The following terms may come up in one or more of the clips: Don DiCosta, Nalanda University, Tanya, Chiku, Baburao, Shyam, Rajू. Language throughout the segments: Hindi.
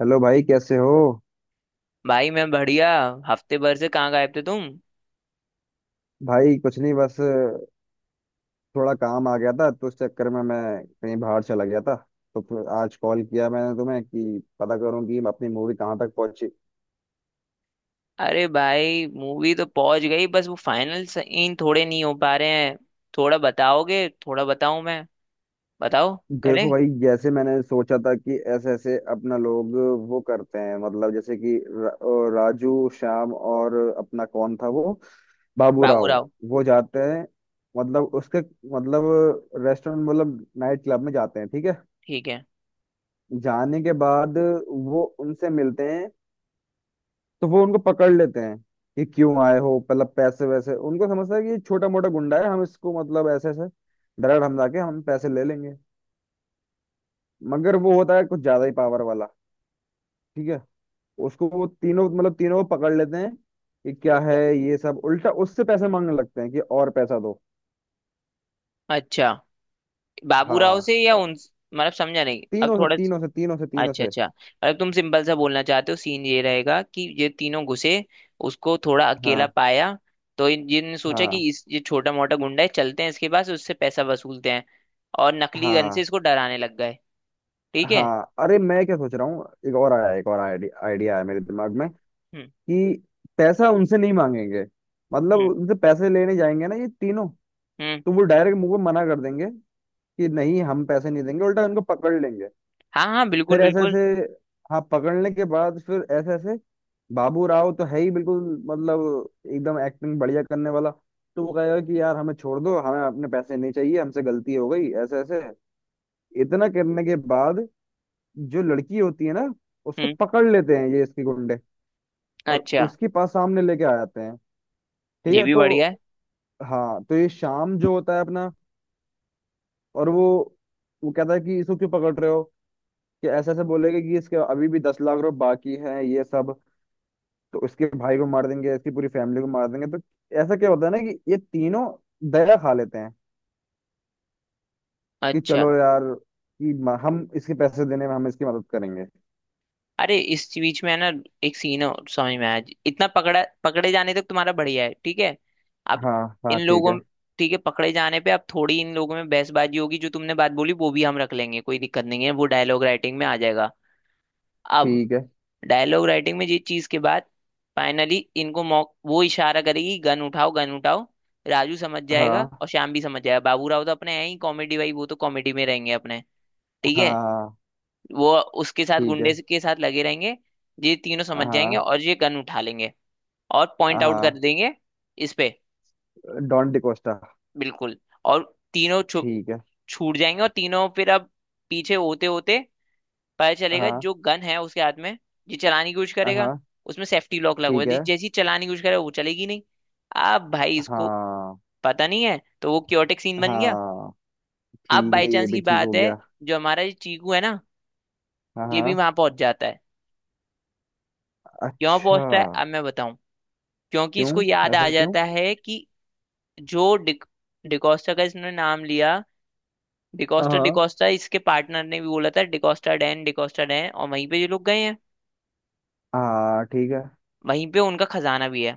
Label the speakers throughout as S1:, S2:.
S1: हेलो भाई, कैसे हो।
S2: भाई मैं बढ़िया। हफ्ते भर से कहाँ गायब थे तुम?
S1: भाई कुछ नहीं, बस थोड़ा काम आ गया था तो उस चक्कर में मैं कहीं बाहर चला गया था। तो फिर आज कॉल किया मैंने तुम्हें कि पता करूं कि अपनी मूवी कहाँ तक पहुंची।
S2: अरे भाई, मूवी तो पहुंच गई, बस वो फाइनल सीन थोड़े नहीं हो पा रहे हैं। थोड़ा बताओगे? थोड़ा बताऊं मैं? बताओ।
S1: देखो
S2: करें।
S1: भाई, जैसे मैंने सोचा था कि ऐसे ऐसे अपना लोग वो करते हैं। मतलब जैसे कि राजू, श्याम और अपना कौन था वो,
S2: बाबू
S1: बाबूराव।
S2: राव।
S1: वो जाते हैं, मतलब उसके, मतलब रेस्टोरेंट, मतलब नाइट क्लब में जाते हैं, ठीक है।
S2: ठीक है।
S1: जाने के बाद वो उनसे मिलते हैं, तो वो उनको पकड़ लेते हैं कि क्यों आए हो। मतलब पैसे वैसे उनको समझता है कि ये छोटा मोटा गुंडा है, हम इसको, मतलब ऐसे ऐसे डायरेक्ट हम जाके हम पैसे ले लेंगे। मगर वो होता है कुछ ज्यादा ही पावर वाला, ठीक है। उसको वो तीनों, मतलब तीनों को पकड़ लेते हैं कि क्या है ये सब। उल्टा उससे पैसे मांगने लगते हैं कि और पैसा दो।
S2: अच्छा, बाबू
S1: हाँ
S2: राव से या
S1: अ,
S2: उन मतलब समझा नहीं अब
S1: तीनों से
S2: थोड़ा।
S1: तीनों से तीनों से तीनों
S2: अच्छा
S1: से।
S2: अच्छा, अगर तुम सिंपल सा बोलना चाहते हो सीन ये रहेगा कि ये तीनों घुसे, उसको थोड़ा अकेला
S1: हाँ,
S2: पाया, तो इन जिन सोचा
S1: हाँ,
S2: कि इस ये छोटा मोटा गुंडा है, चलते हैं इसके पास, उससे पैसा वसूलते हैं, और नकली गन से
S1: हाँ,
S2: इसको डराने लग गए। ठीक है।
S1: हाँ, अरे मैं क्या सोच रहा हूँ, एक और आया, एक और आइडिया आइडिया आया मेरे दिमाग में
S2: हम्म।
S1: कि पैसा उनसे नहीं मांगेंगे। मतलब
S2: हम्म।
S1: उनसे पैसे लेने जाएंगे ना ये तीनों,
S2: हम्म।
S1: तो वो डायरेक्ट मुंह पे मना कर देंगे कि नहीं, हम पैसे नहीं देंगे। उल्टा उनको पकड़ लेंगे।
S2: हाँ हाँ, बिल्कुल
S1: फिर ऐसे
S2: बिल्कुल।
S1: ऐसे, हाँ, पकड़ने के बाद फिर ऐसे ऐसे। बाबू राव तो है ही बिल्कुल, मतलब एकदम एक्टिंग बढ़िया करने वाला। तो वो कहेगा कि यार हमें छोड़ दो, हमें अपने पैसे नहीं चाहिए, हमसे गलती हो गई, ऐसे ऐसे। इतना करने के बाद जो लड़की होती है ना, उसको
S2: हम्म।
S1: पकड़ लेते हैं ये इसके गुंडे, और
S2: अच्छा।
S1: उसके पास सामने लेके आ जाते हैं, ठीक
S2: ये
S1: है
S2: भी
S1: तो।
S2: बढ़िया है।
S1: हाँ, तो ये शाम जो होता है अपना, और वो कहता है कि इसको क्यों पकड़ रहे हो। कि ऐसे ऐसे बोलेगा कि इसके अभी भी 10 लाख रुपए बाकी हैं ये सब, तो इसके भाई को मार देंगे, इसकी पूरी फैमिली को मार देंगे तो। ऐसा क्या होता है ना कि ये तीनों दया खा लेते हैं कि
S2: अच्छा।
S1: चलो यार कि हम इसके पैसे देने में हम इसकी मदद करेंगे।
S2: अरे, इस बीच में है ना, एक सीन है, समझ में आया? इतना पकड़ा पकड़े जाने तक तुम्हारा बढ़िया है, ठीक है। अब
S1: हाँ, हाँ,
S2: इन
S1: ठीक
S2: लोगों।
S1: है,
S2: ठीक है, पकड़े जाने पे अब थोड़ी इन लोगों में बहसबाजी होगी, जो तुमने बात बोली वो भी हम रख लेंगे, कोई दिक्कत नहीं है, वो डायलॉग राइटिंग में आ जाएगा। अब
S1: ठीक है।
S2: डायलॉग राइटिंग में ये चीज के बाद, फाइनली इनको मौक वो इशारा करेगी, गन उठाओ गन उठाओ। राजू समझ जाएगा
S1: हाँ,
S2: और श्याम भी समझ जाएगा, बाबू राव तो अपने हैं ही कॉमेडी भाई, वो तो कॉमेडी में रहेंगे अपने। ठीक है।
S1: हाँ,
S2: वो उसके साथ
S1: ठीक है।
S2: के साथ लगे रहेंगे। ये तीनों समझ जाएंगे
S1: हाँ,
S2: और ये गन उठा लेंगे, और पॉइंट आउट कर
S1: हाँ,
S2: देंगे इस पे।
S1: डॉन डिकोस्टा।
S2: बिल्कुल। और तीनों
S1: ठीक है।
S2: छूट जाएंगे, और तीनों फिर अब पीछे होते होते पता चलेगा
S1: हाँ,
S2: जो गन है उसके हाथ में ये चलाने की कोशिश करेगा,
S1: हाँ,
S2: उसमें सेफ्टी लॉक लगा हुआ
S1: ठीक
S2: है,
S1: है।
S2: जैसी चलाने की कोशिश करेगा वो चलेगी नहीं। अब भाई इसको
S1: हाँ,
S2: पता नहीं है, तो वो क्योटिक सीन बन गया।
S1: हाँ,
S2: अब
S1: ठीक
S2: बाई
S1: है, ये
S2: चांस
S1: भी
S2: की
S1: ठीक हो
S2: बात है,
S1: गया।
S2: जो हमारा ये चीकू है ना,
S1: हाँ,
S2: ये भी
S1: हाँ,
S2: वहां पहुंच जाता है। क्यों
S1: अच्छा,
S2: पहुंचता है, अब मैं बताऊं। क्योंकि
S1: क्यों,
S2: इसको याद आ
S1: ऐसा क्यों।
S2: जाता है कि जो डिकोस्टा का इसने नाम लिया, डिकोस्टा
S1: हाँ,
S2: डिकोस्टा इसके पार्टनर ने भी बोला था, डिकोस्टा डैन, डिकोस्टा डैन, और वहीं पे ये लोग गए हैं,
S1: हाँ, ठीक है।
S2: वहीं पे उनका खजाना भी है।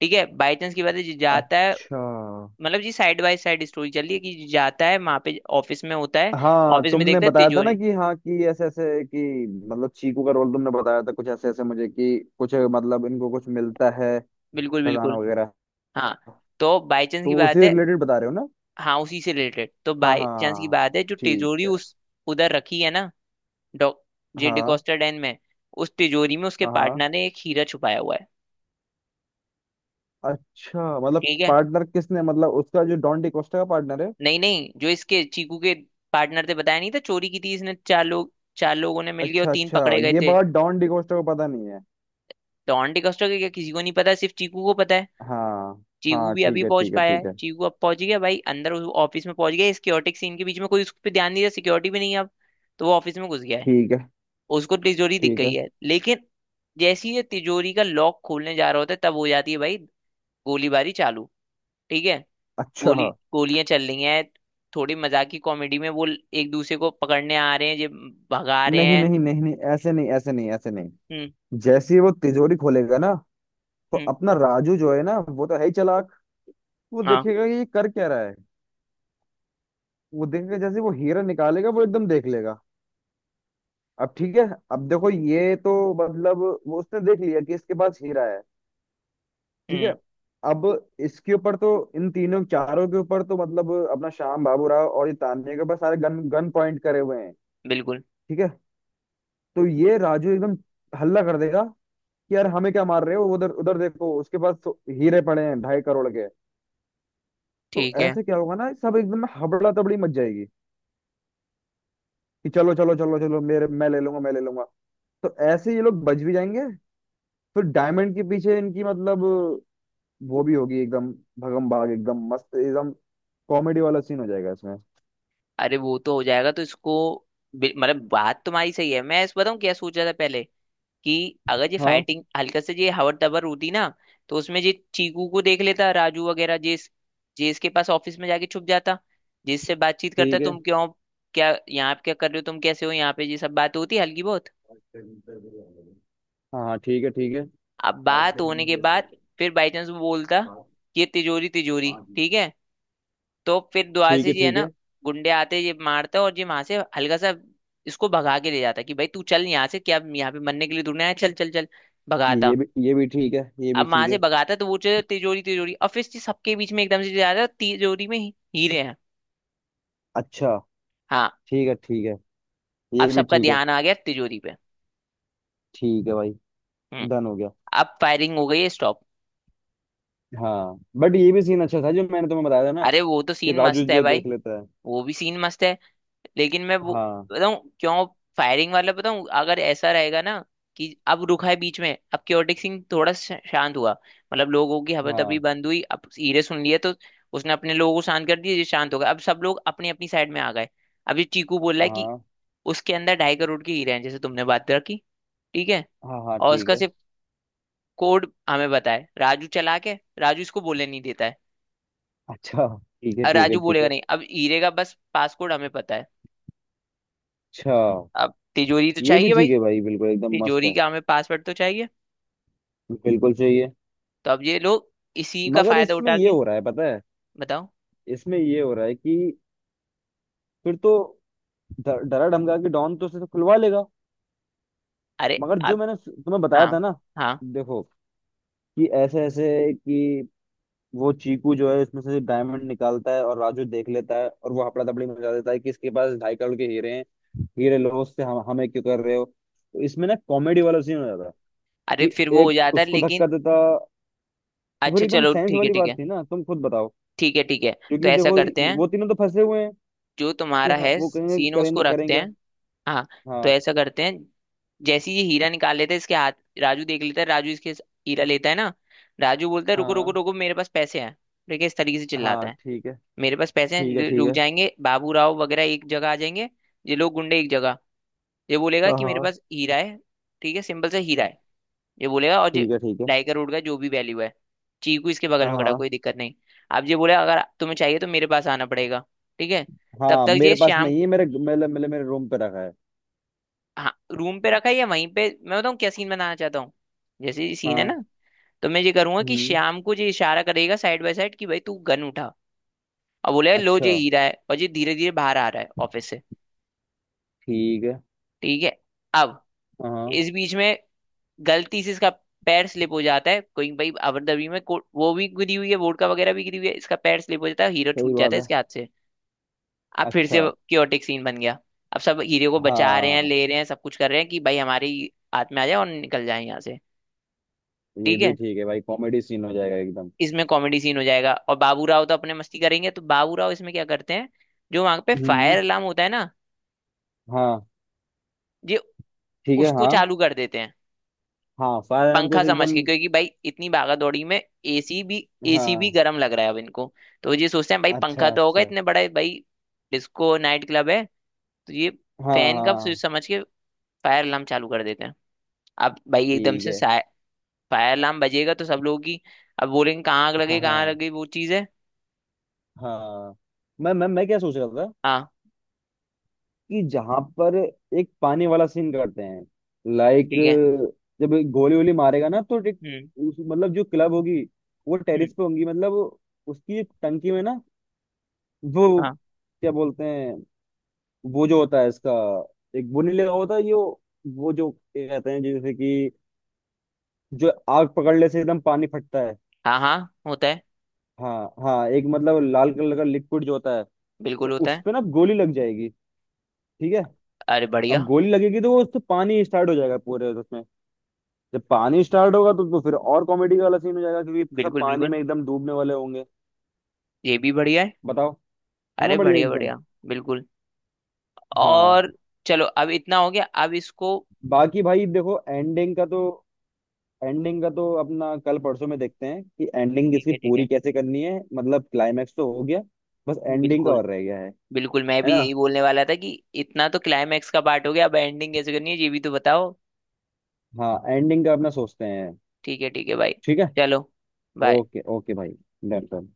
S2: ठीक है, बाई चांस की बात है, जी जाता है।
S1: अच्छा,
S2: मतलब जी साइड बाय साइड स्टोरी चल रही है कि जी जाता है वहां पे, ऑफिस में होता है,
S1: हाँ,
S2: ऑफिस में
S1: तुमने
S2: देखता है
S1: बताया था ना
S2: तिजोरी।
S1: कि हाँ, कि ऐसे ऐसे कि, मतलब चीकू का रोल तुमने बताया था कुछ ऐसे ऐसे मुझे, कि कुछ मतलब इनको कुछ मिलता है,
S2: बिल्कुल
S1: खजाना
S2: बिल्कुल।
S1: वगैरह।
S2: हाँ, तो बाई चांस की
S1: तो उसी
S2: बात है।
S1: रिलेटेड बता रहे हो ना।
S2: हाँ उसी से रिलेटेड, तो
S1: हाँ,
S2: बाई चांस की
S1: हाँ,
S2: बात है जो
S1: ठीक
S2: तिजोरी
S1: है।
S2: उस उधर रखी है ना, डॉ जे
S1: हाँ,
S2: डिकॉस्टा डैन में, उस तिजोरी में उसके
S1: हाँ, हाँ।
S2: पार्टनर ने एक हीरा छुपाया हुआ है।
S1: अच्छा मतलब
S2: ठीक है।
S1: पार्टनर किसने, मतलब उसका जो डॉन डिकोस्टा का पार्टनर है।
S2: नहीं नहीं, जो इसके चीकू के पार्टनर थे, बताया नहीं था, चोरी की थी इसने, चार लोग, चार लोगों ने मिलके, और
S1: अच्छा,
S2: तीन
S1: अच्छा,
S2: पकड़े गए
S1: ये
S2: थे।
S1: बात डॉन डिकोस्टा को पता नहीं है।
S2: तो ऑन डिकॉस्टा के क्या किसी को नहीं पता, सिर्फ चीकू को पता है।
S1: हाँ,
S2: चीकू
S1: हाँ,
S2: भी अभी
S1: ठीक है,
S2: पहुंच
S1: ठीक है,
S2: पाया
S1: ठीक
S2: है,
S1: है।
S2: चीकू अब पहुंच गया भाई अंदर उस ऑफिस में पहुंच गया, सिक्योरिटी सीन के बीच में कोई उस पर ध्यान नहीं दिया, सिक्योरिटी भी नहीं है अब। तो वो ऑफिस में घुस गया है,
S1: ठीक है।
S2: उसको तिजोरी दिख
S1: ठीक
S2: गई
S1: है।
S2: है, लेकिन जैसे ही ये तिजोरी का लॉक खोलने जा रहा होता है, तब हो जाती है भाई, गोलीबारी चालू। ठीक है।
S1: अच्छा।
S2: गोली, गोलियां चल रही हैं, थोड़ी मजाक की कॉमेडी में वो एक दूसरे को पकड़ने आ रहे हैं, ये भगा रहे
S1: नहीं,
S2: हैं।
S1: नहीं, नहीं, नहीं, ऐसे नहीं, ऐसे नहीं, ऐसे नहीं।
S2: हम्म।
S1: जैसे ही वो तिजोरी खोलेगा ना, तो
S2: हम्म।
S1: अपना राजू जो है ना, वो तो है ही चालाक। वो
S2: हाँ।
S1: देखेगा कि ये कर क्या रहा है। वो देखेगा, जैसे ही वो हीरा निकालेगा वो एकदम देख लेगा। अब ठीक है। अब देखो ये तो मतलब, वो उसने देख लिया कि इसके पास हीरा है, ठीक है।
S2: हम्म।
S1: अब इसके ऊपर तो, इन तीनों चारों के ऊपर तो, मतलब अपना श्याम, बाबू राव और ये तान्या के ऊपर सारे गन गन पॉइंट करे हुए हैं,
S2: बिल्कुल।
S1: ठीक है। तो ये राजू एकदम हल्ला कर देगा कि यार हमें क्या मार रहे हो, उधर उधर देखो उसके पास तो हीरे पड़े हैं 2.5 करोड़ के। तो
S2: ठीक है।
S1: ऐसे क्या होगा ना, सब एकदम हबड़ा तबड़ी मच जाएगी कि चलो चलो चलो चलो मेरे, मैं ले लूंगा, मैं ले लूंगा। तो ऐसे ये लोग बच भी जाएंगे। फिर डायमंड के पीछे इनकी, मतलब वो भी होगी एकदम भगम भाग, एकदम मस्त, एकदम कॉमेडी वाला सीन हो जाएगा इसमें।
S2: अरे वो तो हो जाएगा, तो इसको मतलब बात तुम्हारी सही है, मैं इस बताऊं क्या सोच रहा था पहले। कि अगर ये
S1: हाँ,
S2: फाइटिंग हल्का से ये हवर तबर होती ना, तो उसमें ये चीकू को देख लेता राजू वगैरह, जिस जिसके पास ऑफिस में जाके छुप जाता, जिससे बातचीत करता,
S1: ठीक है।
S2: तुम क्यों, क्या यहाँ पे क्या कर रहे हो, तुम कैसे हो यहाँ पे, ये सब बात होती हल्की बहुत।
S1: हाँ, हाँ, ठीक है, ठीक है,
S2: अब बात होने के बाद,
S1: ठीक
S2: फिर बाई चांस वो बोलता ये तिजोरी तिजोरी, ठीक है, तो फिर द्वार
S1: है,
S2: से ये है
S1: ठीक
S2: ना,
S1: है।
S2: गुंडे आते, ये मारता और ये वहां से हल्का सा इसको भगा के ले जाता कि भाई तू चल यहाँ से, क्या यहाँ पे मरने के लिए तूने आया, चल चल चल, भगाता।
S1: ये भी ठीक है। ये भी
S2: अब वहां
S1: ठीक
S2: से
S1: है।
S2: भगाता तो वो चल, तिजोरी तिजोरी, और फिर से सबके बीच में एकदम से जा रहा है, तिजोरी में हीरे हैं।
S1: अच्छा,
S2: हाँ।
S1: ठीक है, ठीक है।
S2: अब
S1: ये भी
S2: सबका
S1: ठीक है।
S2: ध्यान आ गया तिजोरी पे।
S1: ठीक है भाई,
S2: हम्म।
S1: डन हो गया।
S2: अब फायरिंग हो गई है स्टॉप।
S1: हाँ, बट ये भी सीन अच्छा था जो मैंने तुम्हें बताया था ना,
S2: अरे वो तो
S1: कि
S2: सीन
S1: राजू
S2: मस्त है
S1: जो देख
S2: भाई,
S1: लेता है।
S2: वो भी सीन मस्त है, लेकिन मैं वो
S1: हाँ,
S2: बताऊं क्यों, फायरिंग वाला बताऊं, अगर ऐसा रहेगा ना कि अब रुका है बीच में, अब क्योटिक सिंह थोड़ा शांत हुआ, मतलब लोगों की हबीतबी
S1: हाँ,
S2: बंद हुई, अब हीरे सुन लिए तो उसने अपने लोगों को शांत कर दिया, ये शांत हो गए, अब सब लोग अपनी अपनी साइड में आ गए। अब ये चीकू बोल रहा है कि
S1: हाँ,
S2: उसके अंदर 2.5 करोड़ के हीरे हैं, जैसे तुमने बात रखी। ठीक है।
S1: हाँ, हाँ,
S2: और
S1: ठीक
S2: उसका
S1: है।
S2: सिर्फ कोड हमें बताए राजू चला के, राजू इसको बोलने नहीं देता है,
S1: अच्छा, ठीक है,
S2: और
S1: ठीक है,
S2: राजू
S1: ठीक
S2: बोलेगा
S1: है।
S2: नहीं, अब हीरे का बस पासकोड हमें पता है।
S1: अच्छा,
S2: अब तिजोरी तो
S1: ये भी
S2: चाहिए भाई,
S1: ठीक है भाई, बिल्कुल एकदम मस्त
S2: तिजोरी
S1: है।
S2: का हमें पासवर्ड तो चाहिए।
S1: बिल्कुल चाहिए।
S2: तो अब ये लोग इसी का
S1: मगर
S2: फायदा
S1: इसमें
S2: उठा
S1: ये
S2: के।
S1: हो रहा है पता है,
S2: बताओ।
S1: इसमें ये हो रहा है कि फिर तो डरा धमका के डॉन तो उसे तो खुलवा लेगा।
S2: अरे
S1: मगर जो
S2: आप।
S1: मैंने तुम्हें बताया
S2: हाँ।
S1: था ना,
S2: हाँ।
S1: देखो कि ऐसे ऐसे कि, वो चीकू जो है उसमें से डायमंड निकालता है और राजू देख लेता है और वो हपड़ा तपड़ी मचा देता है कि इसके पास 2.5 करोड़ के हीरे हैं। हीरे लॉस से हम हमें क्यों कर रहे हो, तो इसमें ना कॉमेडी वाला सीन हो जाता
S2: अरे
S1: कि
S2: फिर वो हो
S1: एक
S2: जाता है
S1: उसको धक्का
S2: लेकिन।
S1: देता। तो फिर
S2: अच्छा
S1: एकदम
S2: चलो,
S1: साइंस
S2: ठीक है
S1: वाली
S2: ठीक
S1: बात
S2: है
S1: थी ना, तुम खुद बताओ।
S2: ठीक है। ठीक है, तो
S1: क्योंकि
S2: ऐसा
S1: देखो,
S2: करते हैं,
S1: वो तीनों तो फंसे हुए हैं
S2: जो
S1: कि
S2: तुम्हारा
S1: हाँ,
S2: है
S1: वो कहेंगे
S2: सीन
S1: करें
S2: उसको
S1: तो करें
S2: रखते
S1: क्या।
S2: हैं। हाँ, तो
S1: हाँ,
S2: ऐसा करते हैं, जैसे ही ये हीरा निकाल लेते हैं इसके हाथ, राजू देख लेता है, राजू इसके हीरा लेता है ना, राजू बोलता है रुको रुको
S1: हाँ,
S2: रुको, मेरे पास पैसे हैं, ठीक है, इस तरीके से चिल्लाता
S1: हाँ,
S2: है।
S1: ठीक है,
S2: मेरे पास पैसे
S1: ठीक
S2: हैं,
S1: है, ठीक
S2: रुक
S1: है।
S2: जाएंगे, बाबू राव वगैरह एक जगह आ जाएंगे, ये लोग गुंडे एक जगह। ये बोलेगा
S1: हाँ,
S2: कि मेरे
S1: हाँ,
S2: पास हीरा है, ठीक है, सिंपल सा हीरा है ये बोलेगा, और ये
S1: ठीक है, ठीक है।
S2: 2.5 करोड़ का जो भी वैल्यू है। चीकू इसके बगल में खड़ा है,
S1: हाँ,
S2: कोई दिक्कत नहीं। अब ये बोले अगर तुम्हें चाहिए तो मेरे पास आना पड़ेगा, ठीक है। तब
S1: हाँ,
S2: तक ये
S1: मेरे पास
S2: श्याम,
S1: नहीं है, मेरे रूम पे रखा है।
S2: हाँ रूम पे रखा है या वहीं पे, मैं बताऊँ क्या सीन बनाना चाहता हूँ। जैसे ये सीन है
S1: हाँ,
S2: ना, तो मैं ये करूंगा कि
S1: हम्म,
S2: श्याम को ये इशारा करेगा साइड बाय साइड कि भाई तू गन उठा, और बोले लो
S1: अच्छा,
S2: ये हीरा है, और ये धीरे धीरे बाहर आ रहा है ऑफिस से।
S1: ठीक है।
S2: ठीक है। अब
S1: हाँ,
S2: इस बीच में गलती से इसका पैर स्लिप हो जाता है, गोइंग भाई अबरदबी में वो भी गिरी हुई है, वोडका वगैरह भी गिरी हुई है, इसका पैर स्लिप हो जाता है, हीरो
S1: सही
S2: छूट
S1: बात
S2: जाता है
S1: है।
S2: इसके हाथ से। अब फिर से
S1: अच्छा,
S2: क्योटिक सीन बन गया। अब सब हीरो को बचा रहे हैं,
S1: हाँ,
S2: ले रहे हैं, सब कुछ कर रहे हैं कि भाई हमारे ही हाथ में आ जाए और निकल जाए यहाँ से।
S1: ये
S2: ठीक
S1: भी
S2: है।
S1: ठीक है भाई, कॉमेडी सीन हो जाएगा एकदम।
S2: इसमें कॉमेडी सीन हो जाएगा, और बाबू राव तो अपने मस्ती करेंगे, तो बाबू राव इसमें क्या करते हैं, जो वहां पे फायर
S1: हम्म,
S2: अलार्म होता है ना,
S1: हाँ,
S2: ये
S1: ठीक है।
S2: उसको
S1: हाँ,
S2: चालू कर देते हैं
S1: हाँ, फायर आर्म
S2: पंखा
S1: कुछ
S2: समझ
S1: एकदम।
S2: के, क्योंकि भाई इतनी भागा दौड़ी में एसी भी, एसी भी
S1: हाँ,
S2: गर्म लग रहा है अब इनको, तो ये सोचते हैं भाई पंखा
S1: अच्छा,
S2: तो होगा
S1: अच्छा,
S2: इतने बड़ा भाई, डिस्को नाइट क्लब है, तो ये
S1: हाँ,
S2: फैन का
S1: हाँ,
S2: स्विच समझ के फायर अलार्म चालू कर देते हैं। अब भाई एकदम
S1: ठीक
S2: से
S1: है।
S2: फायर अलार्म बजेगा तो सब लोगों की, अब बोलेंगे कहाँ आग लगे
S1: हाँ,
S2: कहाँ आग
S1: हाँ,
S2: लगे, वो चीज़ है।
S1: हाँ, मैं क्या सोच रहा था
S2: हाँ।
S1: कि जहां पर एक पानी वाला सीन करते हैं, लाइक,
S2: ठीक है।
S1: जब गोली वोली मारेगा ना, तो एक-
S2: हम्म।
S1: उस- मतलब जो क्लब होगी वो
S2: हम्म।
S1: टेरिस पे होंगी, मतलब उसकी एक टंकी में ना, वो
S2: हाँ।
S1: क्या बोलते हैं, वो जो होता है इसका, एक वो नीले का होता है जो, वो जो क्या कहते हैं, जैसे कि जो आग पकड़ने से एकदम पानी फटता है।
S2: हाँ। हाँ होता है।
S1: हाँ, हाँ, एक मतलब लाल कलर का लिक्विड जो होता है, तो
S2: बिल्कुल होता
S1: उस
S2: है।
S1: पे ना गोली लग जाएगी, ठीक है।
S2: अरे
S1: अब
S2: बढ़िया।
S1: गोली लगेगी तो वो उससे पानी स्टार्ट हो जाएगा पूरे उसमें। जब पानी स्टार्ट होगा तो, फिर और कॉमेडी वाला सीन हो जाएगा क्योंकि सब
S2: बिल्कुल
S1: पानी
S2: बिल्कुल।
S1: में एकदम डूबने वाले होंगे।
S2: ये भी बढ़िया है।
S1: बताओ, है ना
S2: अरे
S1: बढ़िया
S2: बढ़िया
S1: एकदम।
S2: बढ़िया। बिल्कुल।
S1: हाँ,
S2: और चलो, अब इतना हो गया, अब इसको,
S1: बाकी भाई देखो एंडिंग का तो, एंडिंग का तो अपना कल परसों में देखते हैं कि एंडिंग
S2: ठीक
S1: इसकी
S2: है ठीक
S1: पूरी
S2: है।
S1: कैसे करनी है, मतलब क्लाइमैक्स तो हो गया, बस एंडिंग का
S2: बिल्कुल
S1: और रह गया है।
S2: बिल्कुल, मैं
S1: है
S2: भी
S1: ना,
S2: यही बोलने वाला था कि इतना तो क्लाइमैक्स का पार्ट हो गया, अब एंडिंग कैसे करनी है ये भी तो बताओ।
S1: हाँ, एंडिंग का अपना सोचते हैं।
S2: ठीक है भाई,
S1: ठीक है।
S2: चलो, बाय।
S1: ओके, ओके भाई, डन डन।